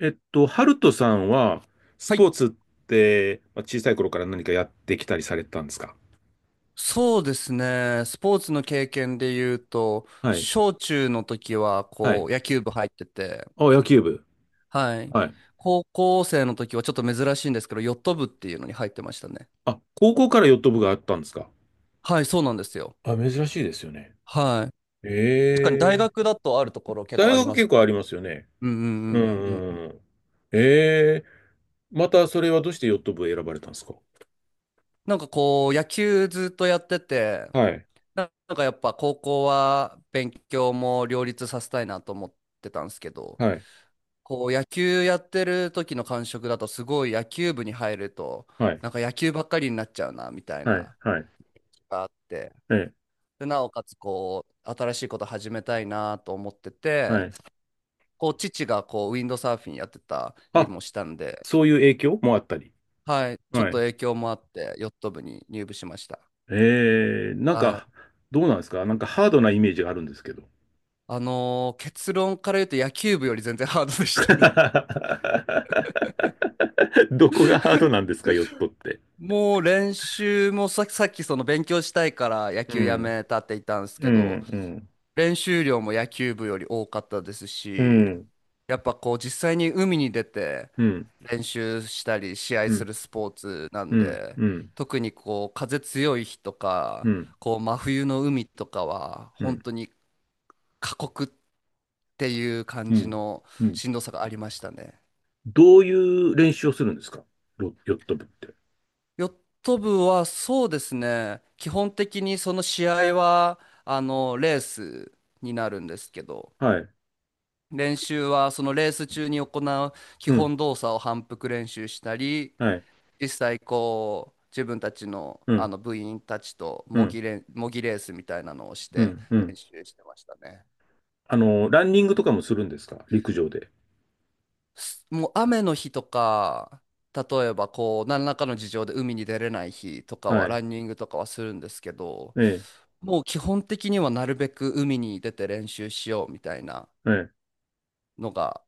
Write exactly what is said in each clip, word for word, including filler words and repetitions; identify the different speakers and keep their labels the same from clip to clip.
Speaker 1: えっと、ハルトさんは、ス
Speaker 2: は
Speaker 1: ポ
Speaker 2: い、
Speaker 1: ーツって、まあ、小さい頃から何かやってきたりされてたんですか？
Speaker 2: そうですね。スポーツの経験で言うと、
Speaker 1: はい。
Speaker 2: 小中の時は
Speaker 1: は
Speaker 2: こ
Speaker 1: い。
Speaker 2: う野球部入ってて、
Speaker 1: あ、野球部。
Speaker 2: はい。
Speaker 1: はい。
Speaker 2: 高校生の時はちょっと珍しいんですけど、ヨット部っていうのに入ってましたね。
Speaker 1: あ、高校からヨット部があったんですか？
Speaker 2: はい、そうなんですよ。
Speaker 1: あ、珍しいですよね。
Speaker 2: はい。確かに大
Speaker 1: ええ。
Speaker 2: 学だとあるところ結構
Speaker 1: 大
Speaker 2: あり
Speaker 1: 学
Speaker 2: ま
Speaker 1: 結
Speaker 2: す。
Speaker 1: 構ありますよね。
Speaker 2: うんうんう
Speaker 1: うん
Speaker 2: ん
Speaker 1: う
Speaker 2: うんう
Speaker 1: んう
Speaker 2: ん。
Speaker 1: ん。ええ。またそれはどうしてヨット部を選ばれたんですか？
Speaker 2: なんかこう野球ずっとやってて、
Speaker 1: はい。
Speaker 2: ななんかやっぱ高校は勉強も両立させたいなと思ってたんですけど、
Speaker 1: はい。
Speaker 2: こう野球やってる時の感触だとすごい野球部に入ると
Speaker 1: はい。
Speaker 2: なんか野球ばっかりになっちゃうなみたい
Speaker 1: はい。
Speaker 2: な
Speaker 1: はい。
Speaker 2: があって、
Speaker 1: ええ。
Speaker 2: で、なおかつこう新しいこと始めたいなと思って
Speaker 1: は
Speaker 2: て、
Speaker 1: い。
Speaker 2: こう父がこうウィンドサーフィンやってたり
Speaker 1: あ、
Speaker 2: もしたんで、
Speaker 1: そういう影響もあったり。
Speaker 2: はい、ちょっ
Speaker 1: は
Speaker 2: と
Speaker 1: い。
Speaker 2: 影響もあってヨット部に入部しました。
Speaker 1: えー、なん
Speaker 2: は
Speaker 1: か、
Speaker 2: い、
Speaker 1: どうなんですか？なんかハードなイメージがあるんですけど。
Speaker 2: あのー結論から言うと野球部より全然ハードでしたね。
Speaker 1: どこがハードなんですか、ヨットって。
Speaker 2: もう練習も、さ、さっきその勉強したいから野
Speaker 1: う
Speaker 2: 球や
Speaker 1: ん、
Speaker 2: めたって言ったんです
Speaker 1: う
Speaker 2: けど、
Speaker 1: ん、
Speaker 2: 練習量も野球部より多かったです
Speaker 1: う
Speaker 2: し、
Speaker 1: ん、
Speaker 2: やっぱこう実際に海に出て
Speaker 1: うん、うん、
Speaker 2: 練習したり試合
Speaker 1: う
Speaker 2: す
Speaker 1: ん、
Speaker 2: るスポーツな
Speaker 1: う
Speaker 2: ん
Speaker 1: ん、
Speaker 2: で、
Speaker 1: うん、
Speaker 2: 特にこう風強い日と
Speaker 1: う
Speaker 2: か、
Speaker 1: ん、
Speaker 2: こう真冬の海とかは本当に過酷っていう感
Speaker 1: う
Speaker 2: じ
Speaker 1: ん、
Speaker 2: の
Speaker 1: うん。
Speaker 2: しんどさがありましたね。
Speaker 1: どういう練習をするんですか？ロヨット部って。
Speaker 2: ヨット部はそうですね、基本的にその試合はあのレースになるんですけど、
Speaker 1: はい、
Speaker 2: 練習はそのレース中に行う基
Speaker 1: うん、
Speaker 2: 本動作を反復練習したり、
Speaker 1: はい、
Speaker 2: 実際こう自分たちの、
Speaker 1: う
Speaker 2: あ
Speaker 1: ん、
Speaker 2: の部員たちと
Speaker 1: う
Speaker 2: 模
Speaker 1: ん、
Speaker 2: 擬レ模擬レースみたいなのをし
Speaker 1: う
Speaker 2: て
Speaker 1: ん、う
Speaker 2: 練
Speaker 1: ん。
Speaker 2: 習してましたね。
Speaker 1: あの、ランニングとかもするんですか？陸上で。
Speaker 2: すもう雨の日とか、例えばこう何らかの事情で海に出れない日とか
Speaker 1: は
Speaker 2: は
Speaker 1: い、
Speaker 2: ランニングとかはするんですけど、
Speaker 1: ええ、
Speaker 2: もう基本的にはなるべく海に出て練習しようみたいな
Speaker 1: ええ。
Speaker 2: のが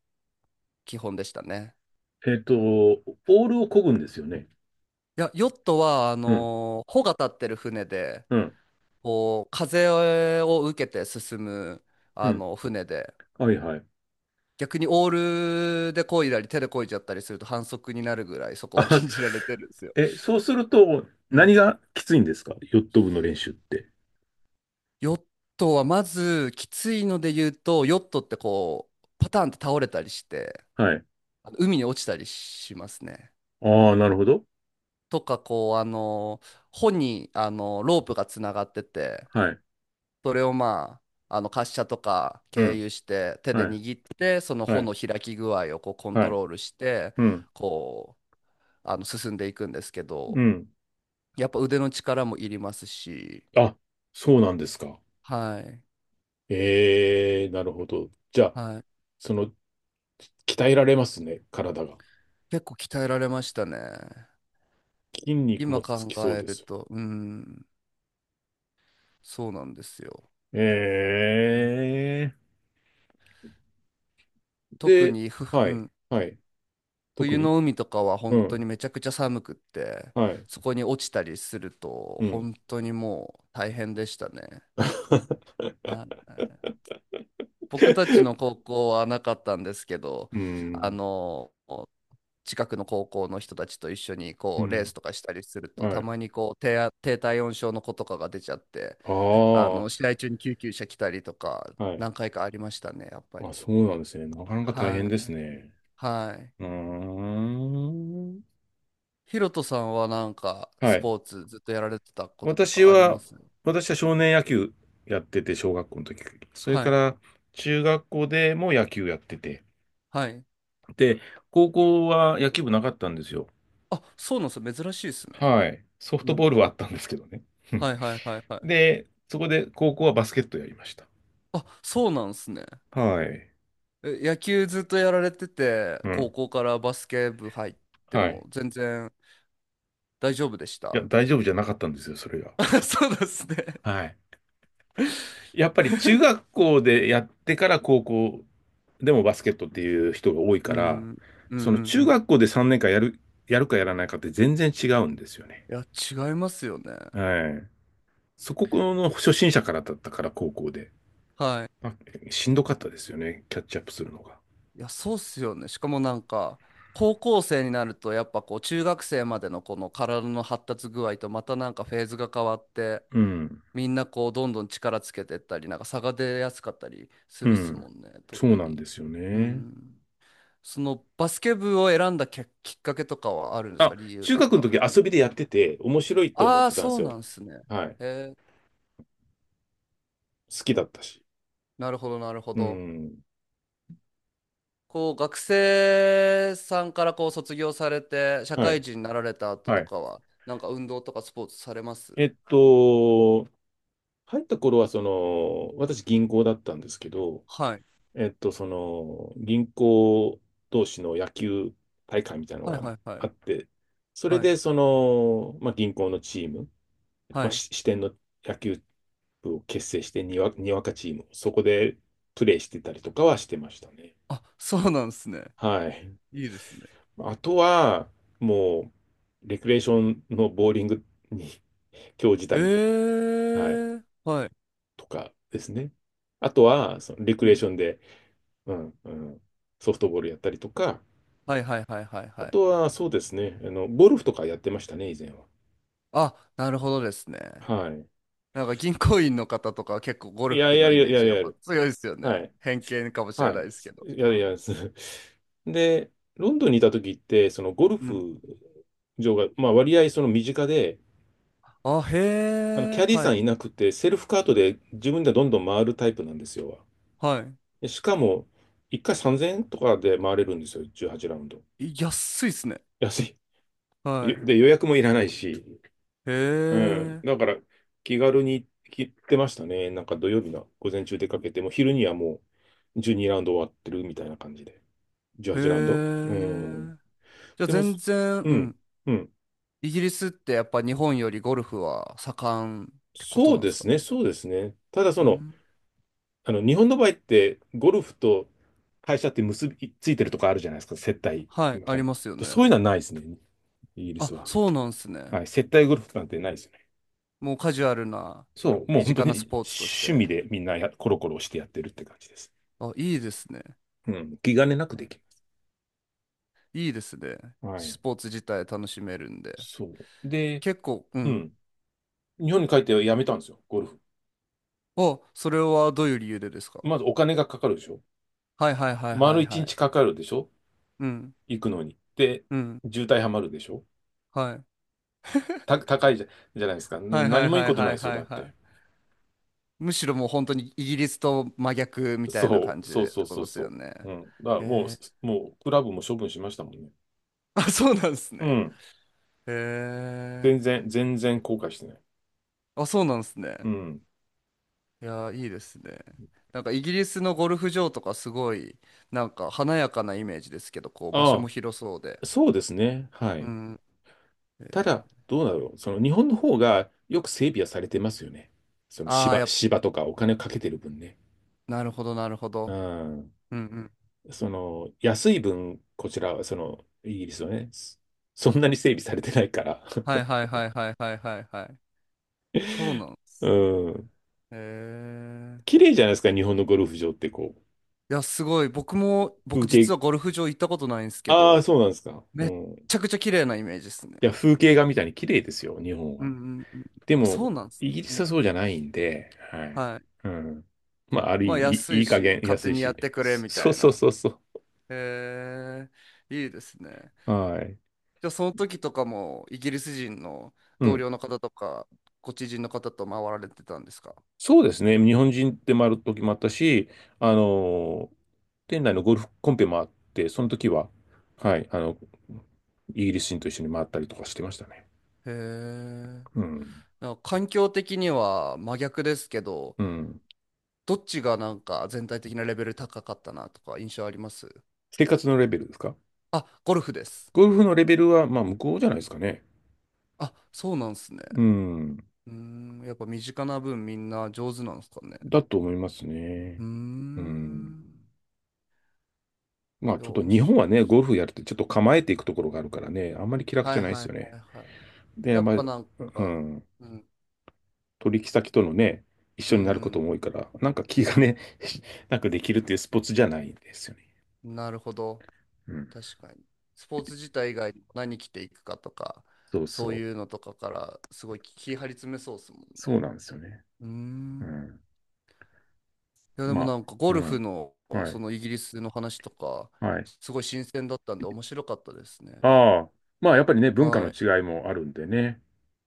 Speaker 2: 基本でしたね。
Speaker 1: えっと、オールを漕ぐんですよね。
Speaker 2: いや、ヨットは、あ
Speaker 1: うん
Speaker 2: のー帆が立ってる船で、
Speaker 1: うん。
Speaker 2: こう、風を受けて進む、
Speaker 1: う
Speaker 2: あ
Speaker 1: ん。
Speaker 2: の、船で、
Speaker 1: はいはい。
Speaker 2: 逆にオールで漕いだり、手で漕いじゃったりすると反則になるぐらい、そこは
Speaker 1: あ、
Speaker 2: 禁じられてるんですよ。
Speaker 1: え、そうすると、
Speaker 2: う
Speaker 1: 何
Speaker 2: ん。
Speaker 1: がきついんですか？ヨット部の練習って。
Speaker 2: ヨットは、まず、きついので言うと、ヨットってこう、パターンって倒れたりして、
Speaker 1: はい。
Speaker 2: あの海に落ちたりしますね。
Speaker 1: ああ、なるほど。
Speaker 2: とか、こう、あのー帆に、あのーロープがつながってて、
Speaker 1: はい。
Speaker 2: それをまあ、あの滑車とか
Speaker 1: う
Speaker 2: 経
Speaker 1: ん。
Speaker 2: 由して手で
Speaker 1: はい。
Speaker 2: 握ってその
Speaker 1: は
Speaker 2: 穂
Speaker 1: い。
Speaker 2: の開き具合をこうコン
Speaker 1: は
Speaker 2: ト
Speaker 1: い。
Speaker 2: ロールして
Speaker 1: うん。
Speaker 2: こうあの進んでいくんですけ
Speaker 1: う
Speaker 2: ど、
Speaker 1: ん。
Speaker 2: やっぱ腕の力もいりますし、
Speaker 1: あ、そうなんですか？
Speaker 2: はい
Speaker 1: ええ、なるほど。じゃあ、
Speaker 2: はい、
Speaker 1: その、鍛えられますね、体が。
Speaker 2: 結構鍛えられましたね。
Speaker 1: 筋肉
Speaker 2: 今
Speaker 1: もつ
Speaker 2: 考
Speaker 1: きそう
Speaker 2: え
Speaker 1: で
Speaker 2: る
Speaker 1: す。
Speaker 2: とうん、そうなんですよ。
Speaker 1: え
Speaker 2: うん、
Speaker 1: え。
Speaker 2: 特
Speaker 1: で、
Speaker 2: にふ、
Speaker 1: は
Speaker 2: う
Speaker 1: い。
Speaker 2: ん、
Speaker 1: はい。特
Speaker 2: 冬
Speaker 1: に
Speaker 2: の海とかは
Speaker 1: う
Speaker 2: 本当
Speaker 1: ん。
Speaker 2: にめちゃくちゃ寒くって、
Speaker 1: はい。
Speaker 2: そこに落ちたりすると
Speaker 1: うん。
Speaker 2: 本当にもう大変でしたね。はい。僕たちの 高校はなかったんですけど、
Speaker 1: う
Speaker 2: あ
Speaker 1: ん。
Speaker 2: の、近くの高校の人たちと一緒に
Speaker 1: う
Speaker 2: こうレー
Speaker 1: ん。
Speaker 2: スとかしたりすると、
Speaker 1: は
Speaker 2: た
Speaker 1: い。
Speaker 2: まにこう低あ、低体温症の子とかが出ちゃって、あ
Speaker 1: あ
Speaker 2: の、
Speaker 1: あ、
Speaker 2: 試合中に救急車来たりとか、
Speaker 1: はい。
Speaker 2: 何回かありましたね、やっぱ
Speaker 1: あ、
Speaker 2: り。
Speaker 1: そうなんですね。なかなか大変
Speaker 2: は
Speaker 1: です
Speaker 2: い。
Speaker 1: ね。
Speaker 2: はい。
Speaker 1: うーん。
Speaker 2: ヒロトさんはなんか、
Speaker 1: は
Speaker 2: ス
Speaker 1: い。
Speaker 2: ポーツずっとやられてたことと
Speaker 1: 私
Speaker 2: かあり
Speaker 1: は、
Speaker 2: ます？
Speaker 1: 私は少年野球やってて、小学校の時。それ
Speaker 2: は
Speaker 1: か
Speaker 2: い。
Speaker 1: ら、中学校でも野球やってて。
Speaker 2: はい。
Speaker 1: で、高校は野球部なかったんですよ。
Speaker 2: あ、そうなんですよ。珍しいですね。
Speaker 1: はい。ソフ
Speaker 2: う
Speaker 1: ト
Speaker 2: ん。
Speaker 1: ボールはあったんですけどね。
Speaker 2: はいはいはいはい。
Speaker 1: で、そこで高校はバスケットやりました。
Speaker 2: あ、そうなんですね。
Speaker 1: はい。
Speaker 2: え、野球ずっとやられてて、
Speaker 1: う
Speaker 2: 高
Speaker 1: ん。
Speaker 2: 校からバスケ部入って
Speaker 1: はい。
Speaker 2: も全然大丈夫でし
Speaker 1: いや、
Speaker 2: た？
Speaker 1: 大丈夫じゃなかったんですよ、それが。
Speaker 2: そうですね。
Speaker 1: はい。やっぱり中学校でやってから高校でもバスケットっていう人が多い
Speaker 2: う
Speaker 1: から、
Speaker 2: ん、うんうんう
Speaker 1: その中
Speaker 2: ん。
Speaker 1: 学校でさんねんかんやる、やるかやらないかって全然違うんですよね。
Speaker 2: いや、違いますよね。
Speaker 1: はい。そこの初心者からだったから高校で。
Speaker 2: はい。
Speaker 1: まあ、しんどかったですよね。キャッチアップするのが。
Speaker 2: いや、そうっすよね。しかもなんか、高校生になると、やっぱこう、中学生までのこの体の発達具合と、またなんかフェーズが変わって、
Speaker 1: うん。
Speaker 2: みんなこう、どんどん力つけてったり、なんか差が出やすかったりす
Speaker 1: う
Speaker 2: るっすも
Speaker 1: ん。
Speaker 2: んね、
Speaker 1: そ
Speaker 2: 特
Speaker 1: うなん
Speaker 2: に。
Speaker 1: ですよ
Speaker 2: う
Speaker 1: ね。
Speaker 2: ん。そのバスケ部を選んだきっきっかけとかはあるんです
Speaker 1: あ、
Speaker 2: か？理由
Speaker 1: 中
Speaker 2: と
Speaker 1: 学の
Speaker 2: か。
Speaker 1: 時遊びでやってて面白いって思っ
Speaker 2: ああ、
Speaker 1: てたんで
Speaker 2: そ
Speaker 1: す
Speaker 2: う
Speaker 1: よ。
Speaker 2: なんですね。
Speaker 1: はい。
Speaker 2: えー、
Speaker 1: 好きだったし。
Speaker 2: なるほど、なるほ
Speaker 1: う
Speaker 2: ど。
Speaker 1: ん。
Speaker 2: こう、学生さんからこう卒業されて、社
Speaker 1: は
Speaker 2: 会
Speaker 1: い。
Speaker 2: 人になられた後
Speaker 1: は
Speaker 2: と
Speaker 1: い。
Speaker 2: かは、なんか運動とかスポーツされます？
Speaker 1: えっと、入った頃は、その、私銀行だったんですけど、
Speaker 2: はい。
Speaker 1: えっと、その、銀行同士の野球大会みたいなの
Speaker 2: はい
Speaker 1: が
Speaker 2: はいは
Speaker 1: あ
Speaker 2: い。
Speaker 1: って、それ
Speaker 2: はい。
Speaker 1: で、その、まあ、銀行のチーム、
Speaker 2: は
Speaker 1: まあ、
Speaker 2: い。
Speaker 1: し支店の野球部を結成して、にわ、にわかチーム、そこでプレーしてたりとかはしてましたね。
Speaker 2: あ、そうなんですね。
Speaker 1: はい。
Speaker 2: いいですね。
Speaker 1: あとは、もう、レクレーションのボーリングに 興じた
Speaker 2: へ
Speaker 1: り、はい、
Speaker 2: え、はい。
Speaker 1: とかですね。あとは、そのレク
Speaker 2: う
Speaker 1: レー
Speaker 2: ん。
Speaker 1: ションで、うんうん、ソフトボールやったりとか、
Speaker 2: はいはいはいはい
Speaker 1: あ
Speaker 2: はい。
Speaker 1: とはそうですね、あの、ゴルフとかやってましたね、以前は。
Speaker 2: あ、なるほどですね。
Speaker 1: はい。
Speaker 2: なんか銀行員の方とかは結構ゴ
Speaker 1: い
Speaker 2: ル
Speaker 1: や、
Speaker 2: フ
Speaker 1: や
Speaker 2: のイ
Speaker 1: るや
Speaker 2: メ
Speaker 1: る
Speaker 2: ー
Speaker 1: や
Speaker 2: ジ
Speaker 1: る
Speaker 2: やっ
Speaker 1: や
Speaker 2: ぱ
Speaker 1: る。
Speaker 2: 強いですよ
Speaker 1: は
Speaker 2: ね。
Speaker 1: い。
Speaker 2: 偏見かもしれ
Speaker 1: は
Speaker 2: ない
Speaker 1: い。
Speaker 2: ですけど。
Speaker 1: や
Speaker 2: う
Speaker 1: るや
Speaker 2: ん。
Speaker 1: る。で、ロンドンにいた時って、そのゴル
Speaker 2: うん。
Speaker 1: フ場が、まあ割合その身近で、
Speaker 2: あ、へ
Speaker 1: あの、キ
Speaker 2: え、
Speaker 1: ャディー
Speaker 2: は
Speaker 1: さん
Speaker 2: い。
Speaker 1: いなくて、セルフカートで自分でどんどん回るタイプなんですよ。
Speaker 2: は
Speaker 1: でしかも、いっかいさんぜんえんとかで回れるんですよ、じゅうはちラウンド。
Speaker 2: い。い安いっすね。
Speaker 1: 安い。
Speaker 2: はい。
Speaker 1: で、予約もいらないし。
Speaker 2: へ
Speaker 1: うん。
Speaker 2: え、
Speaker 1: だから、気軽に行ってましたね。なんか土曜日の午前中出かけて、もう昼にはもうじゅうにラウンド終わってるみたいな感じで。
Speaker 2: へ
Speaker 1: じゅうはちラウンド。うん。
Speaker 2: え。じゃあ
Speaker 1: でも、
Speaker 2: 全
Speaker 1: す
Speaker 2: 然、
Speaker 1: う
Speaker 2: う
Speaker 1: ん、
Speaker 2: ん。
Speaker 1: うん、
Speaker 2: イギリスってやっぱ日本よりゴルフは盛んってこと
Speaker 1: そう
Speaker 2: なんで
Speaker 1: で
Speaker 2: すか
Speaker 1: すね、
Speaker 2: ね。
Speaker 1: そうですね。ただそ
Speaker 2: う
Speaker 1: の、
Speaker 2: ん。
Speaker 1: あの、日本の場合って、ゴルフと会社って結びついてるとかあるじゃないですか、接待
Speaker 2: はい。
Speaker 1: み
Speaker 2: あ
Speaker 1: たい
Speaker 2: り
Speaker 1: な
Speaker 2: ますよ
Speaker 1: の。
Speaker 2: ね。
Speaker 1: そういうのはないですね、イギリ
Speaker 2: あ、
Speaker 1: スは。
Speaker 2: そうなんですね。
Speaker 1: はい、接待ゴルフなんてないですよね。
Speaker 2: もうカジュアルな
Speaker 1: そう、もう
Speaker 2: 身
Speaker 1: 本当
Speaker 2: 近なス
Speaker 1: に
Speaker 2: ポーツとし
Speaker 1: 趣味
Speaker 2: て。
Speaker 1: でみんなやコロコロしてやってるって感じです。
Speaker 2: あ、いいですね。
Speaker 1: うん、気兼ねなくできる。
Speaker 2: いいですね。
Speaker 1: はい。
Speaker 2: スポーツ自体楽しめるんで。
Speaker 1: そう。で、
Speaker 2: 結構、う
Speaker 1: う
Speaker 2: ん。
Speaker 1: ん。日本に帰ってやめたんですよ、ゴルフ。
Speaker 2: お、それはどういう理由でですか？
Speaker 1: まずお金がかかるでしょ。
Speaker 2: はいはいはいは
Speaker 1: 丸
Speaker 2: い
Speaker 1: 一
Speaker 2: は
Speaker 1: 日
Speaker 2: い。
Speaker 1: かかるでしょ。
Speaker 2: うん、
Speaker 1: 行くのに。で、
Speaker 2: うん。
Speaker 1: 渋滞はまるでしょ。
Speaker 2: はい。
Speaker 1: た、高いじゃ、じゃないですか。な
Speaker 2: はいは
Speaker 1: 何
Speaker 2: い
Speaker 1: もいい
Speaker 2: は
Speaker 1: こ
Speaker 2: い
Speaker 1: とな
Speaker 2: は
Speaker 1: い
Speaker 2: い
Speaker 1: ですよ、
Speaker 2: は
Speaker 1: だ
Speaker 2: い
Speaker 1: っ
Speaker 2: は
Speaker 1: て。
Speaker 2: い。むしろもう本当にイギリスと真逆みたいな
Speaker 1: そ
Speaker 2: 感
Speaker 1: う、
Speaker 2: じ
Speaker 1: そう
Speaker 2: でっ
Speaker 1: そ
Speaker 2: て
Speaker 1: う
Speaker 2: こと
Speaker 1: そう
Speaker 2: ですよ
Speaker 1: そ
Speaker 2: ね。
Speaker 1: う。うん。だからもう、
Speaker 2: へ
Speaker 1: す
Speaker 2: え。
Speaker 1: もう、クラブも処分しましたもんね。
Speaker 2: あ、そうなんです
Speaker 1: う
Speaker 2: ね。
Speaker 1: ん。
Speaker 2: へ
Speaker 1: 全
Speaker 2: え。
Speaker 1: 然、全然後悔してない。
Speaker 2: あ、そうなんです
Speaker 1: う
Speaker 2: ね。
Speaker 1: ん。
Speaker 2: いやー、いいですね。なんかイギリスのゴルフ場とかすごい、なんか華やかなイメージですけど、こう場所
Speaker 1: あ
Speaker 2: も広そうで。
Speaker 1: あ、そうですね。は
Speaker 2: う
Speaker 1: い。
Speaker 2: ん。
Speaker 1: ただ、どうだろう。その日本の方がよく整備はされてますよね。その
Speaker 2: ああ、
Speaker 1: 芝、
Speaker 2: やっ
Speaker 1: 芝とかお金かけてる分ね。
Speaker 2: なるほど、なるほ
Speaker 1: う
Speaker 2: ど。
Speaker 1: ん。
Speaker 2: うんうん。
Speaker 1: その安い分、こちらはそのイギリスはね、そそんなに整備されてないから。
Speaker 2: はいはいはいはいはいはいはい。そ うなんですね。
Speaker 1: うん。
Speaker 2: へえ。
Speaker 1: 綺麗じゃないですか、日本のゴルフ場ってこう、
Speaker 2: いや、すごい。僕も、
Speaker 1: 風
Speaker 2: 僕
Speaker 1: 景、
Speaker 2: 実はゴルフ場行ったことないんですけ
Speaker 1: ああ、
Speaker 2: ど、
Speaker 1: そうなんですか。う
Speaker 2: めっ
Speaker 1: ん。い
Speaker 2: ちゃくちゃ綺麗なイメージですね。
Speaker 1: や、風景画みたいに綺麗ですよ、日本
Speaker 2: うん
Speaker 1: は。
Speaker 2: うんうん。
Speaker 1: で
Speaker 2: あ、そ
Speaker 1: も、
Speaker 2: うなんです。
Speaker 1: イギリ
Speaker 2: う
Speaker 1: ス
Speaker 2: ん。
Speaker 1: はそうじゃないんで、はい。
Speaker 2: はい。
Speaker 1: うん。まあ、ある
Speaker 2: ま
Speaker 1: 意
Speaker 2: あ、
Speaker 1: 味、
Speaker 2: 安
Speaker 1: いい
Speaker 2: い
Speaker 1: い加
Speaker 2: し、
Speaker 1: 減
Speaker 2: 勝
Speaker 1: 安
Speaker 2: 手
Speaker 1: い
Speaker 2: にやっ
Speaker 1: し。
Speaker 2: てくれ、み
Speaker 1: そ
Speaker 2: たい
Speaker 1: そう
Speaker 2: な。
Speaker 1: そうそうそう
Speaker 2: へえ。いいですね。
Speaker 1: はい。
Speaker 2: じゃあ、その時とかも、イギリス人の
Speaker 1: う
Speaker 2: 同
Speaker 1: ん。
Speaker 2: 僚の方とか、ご知人の方と回られてたんですか？
Speaker 1: そうですね。日本人で回る時もあったし、あの店内のゴルフコンペもあって、その時は、はい、あの、イギリス人と一緒に回ったりとかしてましたね。
Speaker 2: へえ。
Speaker 1: うん。
Speaker 2: なんか環境的には真逆ですけど、
Speaker 1: うん。
Speaker 2: どっちがなんか全体的なレベル高かったなとか印象あります？
Speaker 1: 生活のレベルですか？
Speaker 2: あ、ゴルフです。
Speaker 1: ゴルフのレベルは、まあ、向こうじ
Speaker 2: う
Speaker 1: ゃない
Speaker 2: ん。
Speaker 1: ですかね。
Speaker 2: あ、そうなんですね。
Speaker 1: うん。
Speaker 2: うーん、やっぱ身近な分みんな上手なんですかね。
Speaker 1: だと思います
Speaker 2: う
Speaker 1: ね。
Speaker 2: ー
Speaker 1: うん。
Speaker 2: ん。
Speaker 1: まあ、
Speaker 2: いや、
Speaker 1: ちょっと
Speaker 2: 面
Speaker 1: 日本
Speaker 2: 白
Speaker 1: は
Speaker 2: いで
Speaker 1: ね、ゴ
Speaker 2: す。
Speaker 1: ルフやるってちょっと構えていくところがあるからね、あんまり気楽
Speaker 2: は
Speaker 1: じゃ
Speaker 2: い
Speaker 1: ないで
Speaker 2: は
Speaker 1: す
Speaker 2: い
Speaker 1: よね。
Speaker 2: はいはい。
Speaker 1: で、あ
Speaker 2: や
Speaker 1: ん
Speaker 2: っ
Speaker 1: ま
Speaker 2: ぱ
Speaker 1: り、
Speaker 2: なん
Speaker 1: う
Speaker 2: か、
Speaker 1: ん。
Speaker 2: うん、
Speaker 1: 取引先とのね、一
Speaker 2: う
Speaker 1: 緒になること
Speaker 2: ん
Speaker 1: も多いから、なんか気がね、なんかできるっていうスポーツじゃないんですよね。
Speaker 2: うん。なるほど。
Speaker 1: うん。
Speaker 2: 確かに。スポーツ自体以外にも何着ていくかとか、
Speaker 1: そう
Speaker 2: そう
Speaker 1: そ
Speaker 2: いう
Speaker 1: う。
Speaker 2: のとかからすごい気張り詰めそうですもんね。
Speaker 1: そうなんですよね。
Speaker 2: うー
Speaker 1: う
Speaker 2: ん。
Speaker 1: ん。
Speaker 2: いや、で
Speaker 1: ま
Speaker 2: もな
Speaker 1: あ、
Speaker 2: んかゴ
Speaker 1: う
Speaker 2: ルフ
Speaker 1: ん。
Speaker 2: の
Speaker 1: は
Speaker 2: そ
Speaker 1: い。
Speaker 2: のイギリスの話とか、
Speaker 1: はい。
Speaker 2: すごい新鮮だったんで面白かったですね。
Speaker 1: ああ。まあ、やっぱりね、文化の
Speaker 2: はい。
Speaker 1: 違いもあるんでね。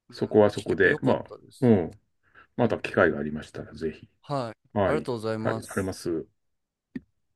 Speaker 2: うん、
Speaker 1: そこはそ
Speaker 2: 聞け
Speaker 1: こ
Speaker 2: て
Speaker 1: で、
Speaker 2: よか
Speaker 1: ま
Speaker 2: っ
Speaker 1: あ、
Speaker 2: たで
Speaker 1: う
Speaker 2: す。
Speaker 1: ん。
Speaker 2: う
Speaker 1: ま
Speaker 2: ん、
Speaker 1: た機会がありましたら、ぜひ。
Speaker 2: はい。あ
Speaker 1: は
Speaker 2: りが
Speaker 1: い。
Speaker 2: とうござい
Speaker 1: はい、
Speaker 2: ま
Speaker 1: ありま
Speaker 2: す。
Speaker 1: す。